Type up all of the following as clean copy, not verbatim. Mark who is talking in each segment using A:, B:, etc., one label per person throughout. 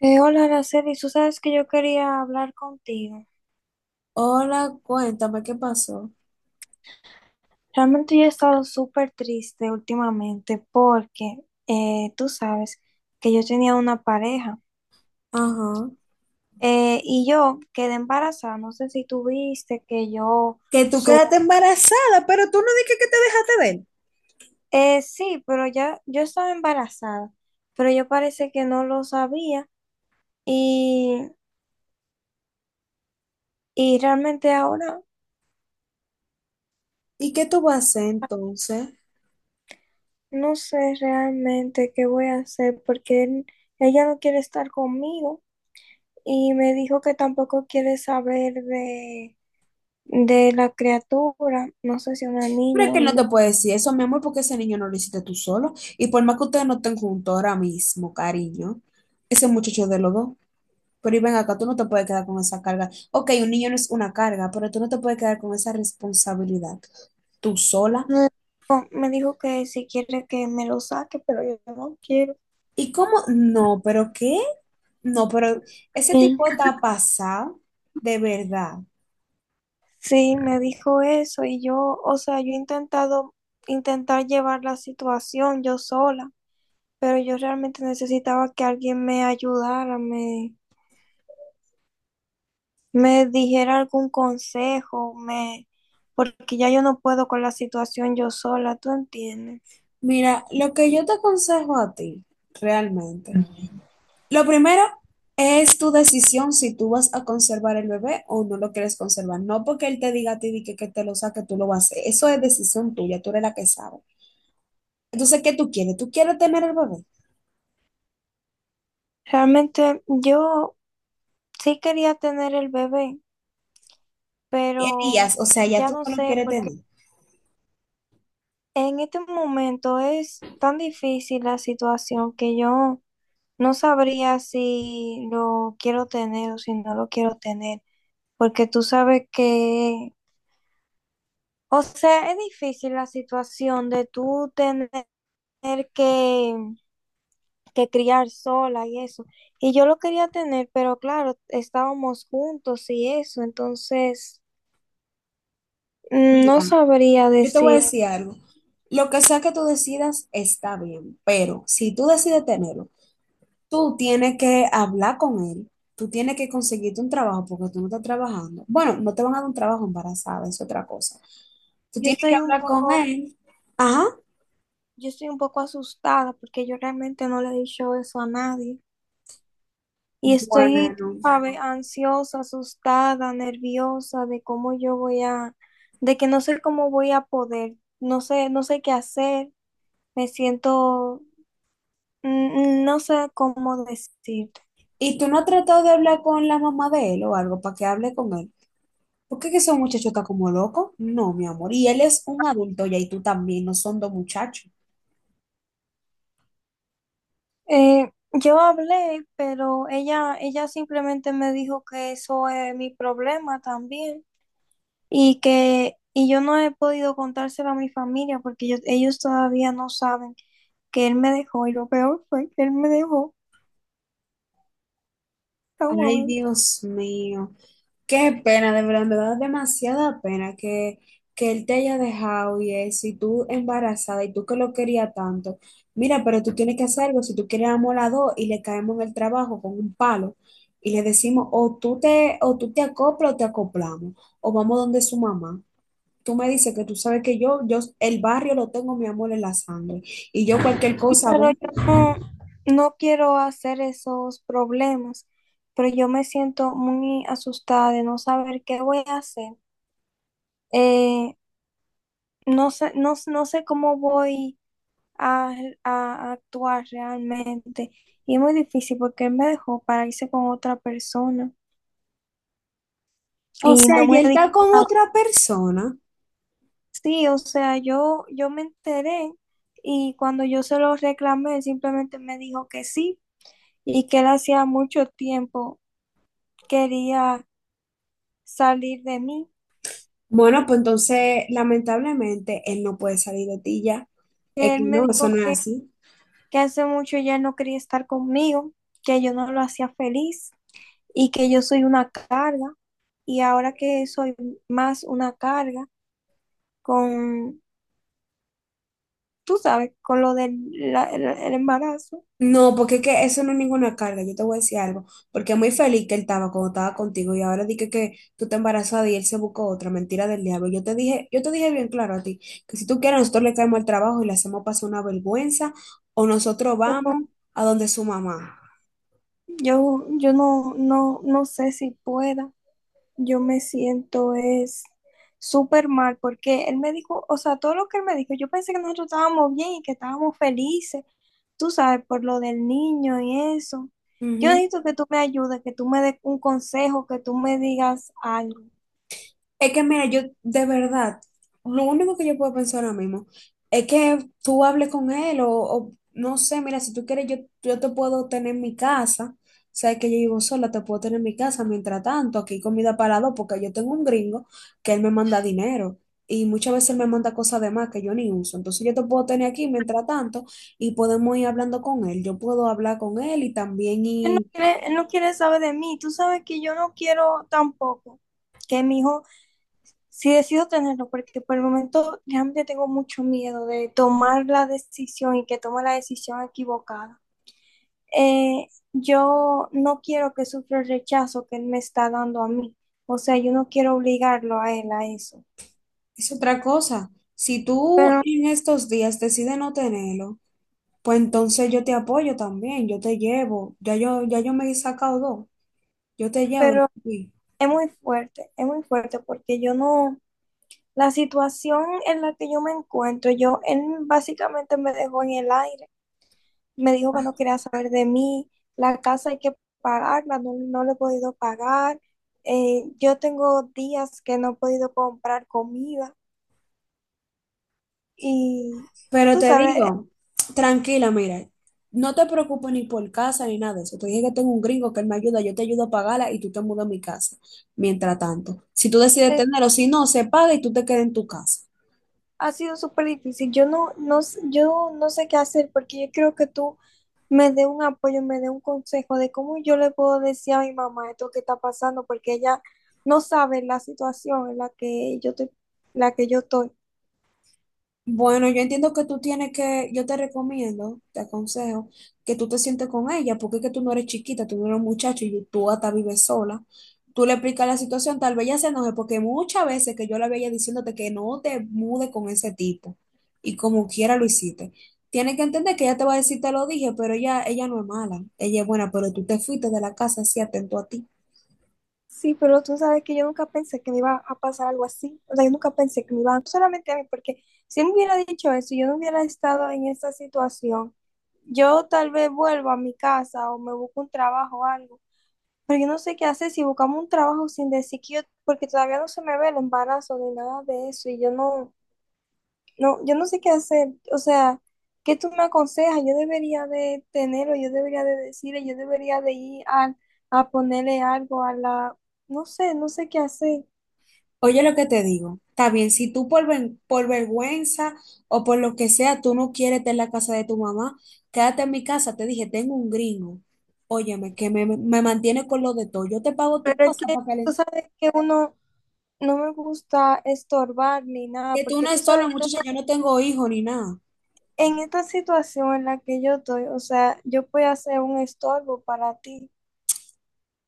A: Hola, Araceli, tú sabes que yo quería hablar contigo.
B: Hola, cuéntame qué pasó.
A: Realmente yo he estado súper triste últimamente porque tú sabes que yo tenía una pareja
B: Ajá.
A: y yo quedé embarazada. No sé si tú viste que yo,
B: Que tú quedaste embarazada, pero tú no dijiste que te dejaste de él.
A: sí, pero ya yo estaba embarazada, pero yo parece que no lo sabía y, y realmente ahora
B: ¿Y qué tú vas a hacer entonces?
A: no sé realmente qué voy a hacer porque ella no quiere estar conmigo. Y me dijo que tampoco quiere saber de la criatura, no sé si una
B: Pero es
A: niña
B: que
A: o
B: él no
A: no.
B: te puede decir eso, mi amor, porque ese niño no lo hiciste tú solo. Y por más que ustedes no estén juntos ahora mismo, cariño, ese muchacho es de los dos. Pero y ven acá, tú no te puedes quedar con esa carga. Ok, un niño no es una carga, pero tú no te puedes quedar con esa responsabilidad. Tú sola.
A: No. Me dijo que si quiere que me lo saque, pero yo no quiero.
B: ¿Y cómo? No, pero ¿qué? No, pero ese
A: Y
B: tipo está pasado, de verdad.
A: sí, me dijo eso y yo, o sea, yo he intentado intentar llevar la situación yo sola, pero yo realmente necesitaba que alguien me ayudara, me dijera algún consejo, me, porque ya yo no puedo con la situación yo sola, ¿tú entiendes?
B: Mira, lo que yo te aconsejo a ti, realmente, lo primero es tu decisión si tú vas a conservar el bebé o no lo quieres conservar. No porque él te diga a ti que te lo saque, tú lo vas a hacer. Eso es decisión tuya, tú eres la que sabe. Entonces, ¿qué tú quieres? ¿Tú quieres tener el bebé?
A: Realmente yo sí quería tener el bebé,
B: ¿Qué
A: pero
B: harías? O sea, ya
A: ya
B: tú
A: no
B: no lo
A: sé,
B: quieres
A: porque
B: tener.
A: en este momento es tan difícil la situación que yo no sabría si lo quiero tener o si no lo quiero tener, porque tú sabes que, o sea, es difícil la situación de tú tener que, que criar sola y eso. Y yo lo quería tener, pero claro, estábamos juntos y eso, entonces... Mm, no
B: Mira,
A: sabría
B: yo te voy a
A: decir.
B: decir algo. Lo que sea que tú decidas está bien, pero si tú decides tenerlo, tú tienes que hablar con él, tú tienes que conseguirte un trabajo porque tú no estás trabajando. Bueno, no te van a dar un trabajo embarazada, es otra cosa. Tú
A: Yo
B: tienes que
A: estoy un
B: hablar con
A: poco,
B: él. Ajá.
A: yo estoy un poco asustada porque yo realmente no le he dicho eso a nadie. Y
B: Bueno.
A: estoy, sabe, ansiosa, asustada, nerviosa de cómo yo voy a, de que no sé cómo voy a poder, no sé, no sé qué hacer. Me siento, no sé cómo decirte.
B: ¿Y tú no has tratado de hablar con la mamá de él o algo para que hable con él? ¿Por qué que ese muchacho está como loco? No, mi amor. Y él es un adulto ya y tú también, no son dos muchachos.
A: Yo hablé, pero ella simplemente me dijo que eso es mi problema también. Y que, y yo no he podido contárselo a mi familia porque ellos todavía no saben que él me dejó y lo peor fue que él me dejó a un
B: Ay,
A: momento.
B: Dios mío. Qué pena, de verdad, me da demasiada pena que él te haya dejado y eso, y tú embarazada, y tú que lo querías tanto. Mira, pero tú tienes que hacer algo, si tú quieres amor a dos y le caemos en el trabajo con un palo y le decimos, o tú te acoplas o te acoplamos, o vamos donde su mamá. Tú me dices que tú sabes que yo, el barrio lo tengo, mi amor, en la sangre, y yo cualquier cosa
A: Pero
B: voy.
A: yo no quiero hacer esos problemas, pero yo me siento muy asustada de no saber qué voy a hacer. Eh, no sé, no sé cómo voy a, a actuar realmente. Y es muy difícil porque él me dejó para irse con otra persona
B: O
A: y
B: sea,
A: no
B: y
A: me
B: él
A: dijo
B: está con
A: nada.
B: otra persona.
A: Sí, o sea, yo me enteré y cuando yo se lo reclamé, él simplemente me dijo que sí y que él hacía mucho tiempo quería salir de mí,
B: Bueno, pues entonces, lamentablemente, él no puede salir de ti ya. Es
A: que él
B: que
A: me
B: no, eso
A: dijo
B: no es así.
A: que hace mucho ya no quería estar conmigo, que yo no lo hacía feliz y que yo soy una carga y ahora que soy más una carga con, tú sabes, con lo del la- el embarazo,
B: No, porque es que eso no es ninguna carga. Yo te voy a decir algo. Porque muy feliz que él estaba cuando estaba contigo y ahora que tú te embarazada y él se buscó otra mentira del diablo. Yo te dije bien claro a ti que si tú quieres, nosotros le caemos al trabajo y le hacemos pasar una vergüenza o nosotros vamos a donde su mamá.
A: yo no, no, no sé si pueda. Yo me siento es súper mal porque él me dijo, o sea, todo lo que él me dijo, yo pensé que nosotros estábamos bien y que estábamos felices, tú sabes, por lo del niño y eso. Yo
B: Ujú.
A: necesito que tú me ayudes, que tú me des un consejo, que tú me digas algo.
B: Es que mira, yo de verdad, lo único que yo puedo pensar ahora mismo es que tú hables con él o no sé, mira, si tú quieres, yo te puedo tener en mi casa, o sea, que yo vivo sola, te puedo tener en mi casa, mientras tanto, aquí hay comida para dos, porque yo tengo un gringo que él me manda dinero y muchas veces él me manda cosas de más que yo ni uso, entonces yo te puedo tener aquí mientras tanto y podemos ir hablando con él, yo puedo hablar con él y también
A: Él no
B: y
A: quiere, él no quiere saber de mí, tú sabes que yo no quiero tampoco que mi hijo, si decido tenerlo, porque por el momento realmente tengo mucho miedo de tomar la decisión y que tome la decisión equivocada. Yo no quiero que sufra el rechazo que él me está dando a mí. O sea, yo no quiero obligarlo a él a eso.
B: es otra cosa, si tú
A: Pero,
B: en estos días decides no tenerlo. Pues entonces yo te apoyo también, yo te llevo, ya yo me he sacado dos, yo te llevo.
A: pero
B: Sí.
A: es muy fuerte porque yo no, la situación en la que yo me encuentro, yo, él básicamente me dejó en el aire, me dijo que no quería saber de mí, la casa hay que pagarla, no la he podido pagar, yo tengo días que no he podido comprar comida y
B: Pero
A: tú
B: te
A: sabes.
B: digo, tranquila, mira, no te preocupes ni por casa ni nada de eso. Te dije que tengo un gringo que él me ayuda, yo te ayudo a pagarla y tú te mudas a mi casa, mientras tanto. Si tú decides tenerlo, si no, se paga y tú te quedas en tu casa.
A: Ha sido súper difícil. Yo no sé qué hacer porque yo creo que tú me dé un apoyo, me dé un consejo de cómo yo le puedo decir a mi mamá esto que está pasando porque ella no sabe la situación en la que yo estoy, la que yo estoy.
B: Bueno, yo entiendo que tú tienes que, yo te recomiendo, te aconsejo, que tú te sientes con ella, porque es que tú no eres chiquita, tú no eres un muchacho y tú hasta vives sola. Tú le explicas la situación, tal vez ella se enoje, porque muchas veces que yo la veía diciéndote que no te mude con ese tipo, y como quiera lo hiciste. Tienes que entender que ella te va a decir, te lo dije, pero ella no es mala, ella es buena, pero tú te fuiste de la casa así atento a ti.
A: Sí, pero tú sabes que yo nunca pensé que me iba a pasar algo así. O sea, yo nunca pensé que me iba, a, no solamente a mí, porque si él me hubiera dicho eso, y yo no hubiera estado en esa situación. Yo tal vez vuelvo a mi casa o me busco un trabajo o algo. Pero yo no sé qué hacer si buscamos un trabajo sin decir que yo, porque todavía no se me ve el embarazo ni nada de eso, yo no sé qué hacer. O sea, ¿qué tú me aconsejas? Yo debería de tenerlo, yo debería de decirle, yo debería de ir a ponerle algo a la, no sé, no sé qué hacer.
B: Oye lo que te digo. Está bien, si tú por, ven- por vergüenza o por lo que sea, tú no quieres estar en la casa de tu mamá, quédate en mi casa. Te dije, tengo un gringo. Óyeme, que me mantiene con lo de todo. Yo te pago tu
A: Pero es
B: cosa
A: que
B: para que,
A: tú
B: le-
A: sabes que uno no me gusta estorbar ni nada,
B: que tú no
A: porque tú
B: es solo,
A: sabes que
B: muchacha. Yo no tengo hijos ni nada.
A: en esta situación en la que yo estoy, o sea, yo puedo hacer un estorbo para ti.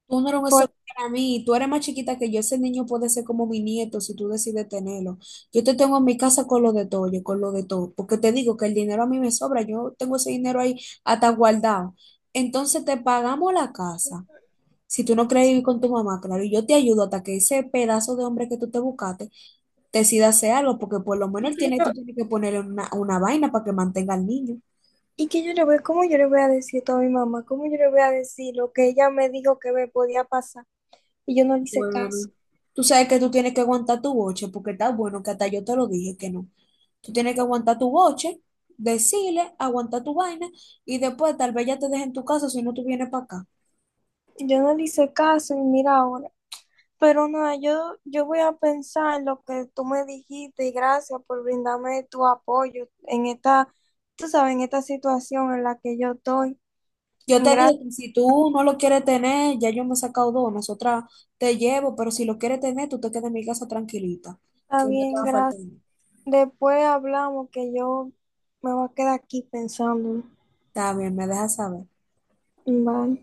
B: Tú no eres un eso
A: Por,
B: para mí, tú eres más chiquita que yo, ese niño puede ser como mi nieto si tú decides tenerlo. Yo te tengo en mi casa con lo de todo, yo con lo de todo, porque te digo que el dinero a mí me sobra, yo tengo ese dinero ahí hasta guardado. Entonces te pagamos la casa, si tú no quieres vivir con tu mamá, claro, y yo te ayudo hasta que ese pedazo de hombre que tú te buscaste decida hacer algo, porque por lo menos él tiene, tú tienes que ponerle una vaina para que mantenga al niño.
A: ¿y que yo le voy, cómo yo le voy a decir esto a mi mamá? ¿Cómo yo le voy a decir lo que ella me dijo que me podía pasar? Y yo no le hice caso.
B: Bueno, tú sabes que tú tienes que aguantar tu boche, porque está bueno que hasta yo te lo dije que no. Tú tienes que aguantar tu boche, decirle, aguantar tu vaina y después tal vez ya te dejen tu casa si no tú vienes para acá.
A: Yo no le hice caso y mira ahora. Pero nada, yo voy a pensar en lo que tú me dijiste y gracias por brindarme tu apoyo en esta, tú sabes, en esta situación en la que yo estoy.
B: Yo te
A: Gracias,
B: digo que si tú no lo quieres tener, ya yo me he sacado dos, nosotras te llevo, pero si lo quieres tener, tú te quedas en mi casa tranquilita,
A: está
B: que no te
A: bien,
B: va a
A: gracias.
B: faltar nada.
A: Después hablamos que yo me voy a quedar aquí pensando.
B: Está bien, me dejas saber.
A: Vale.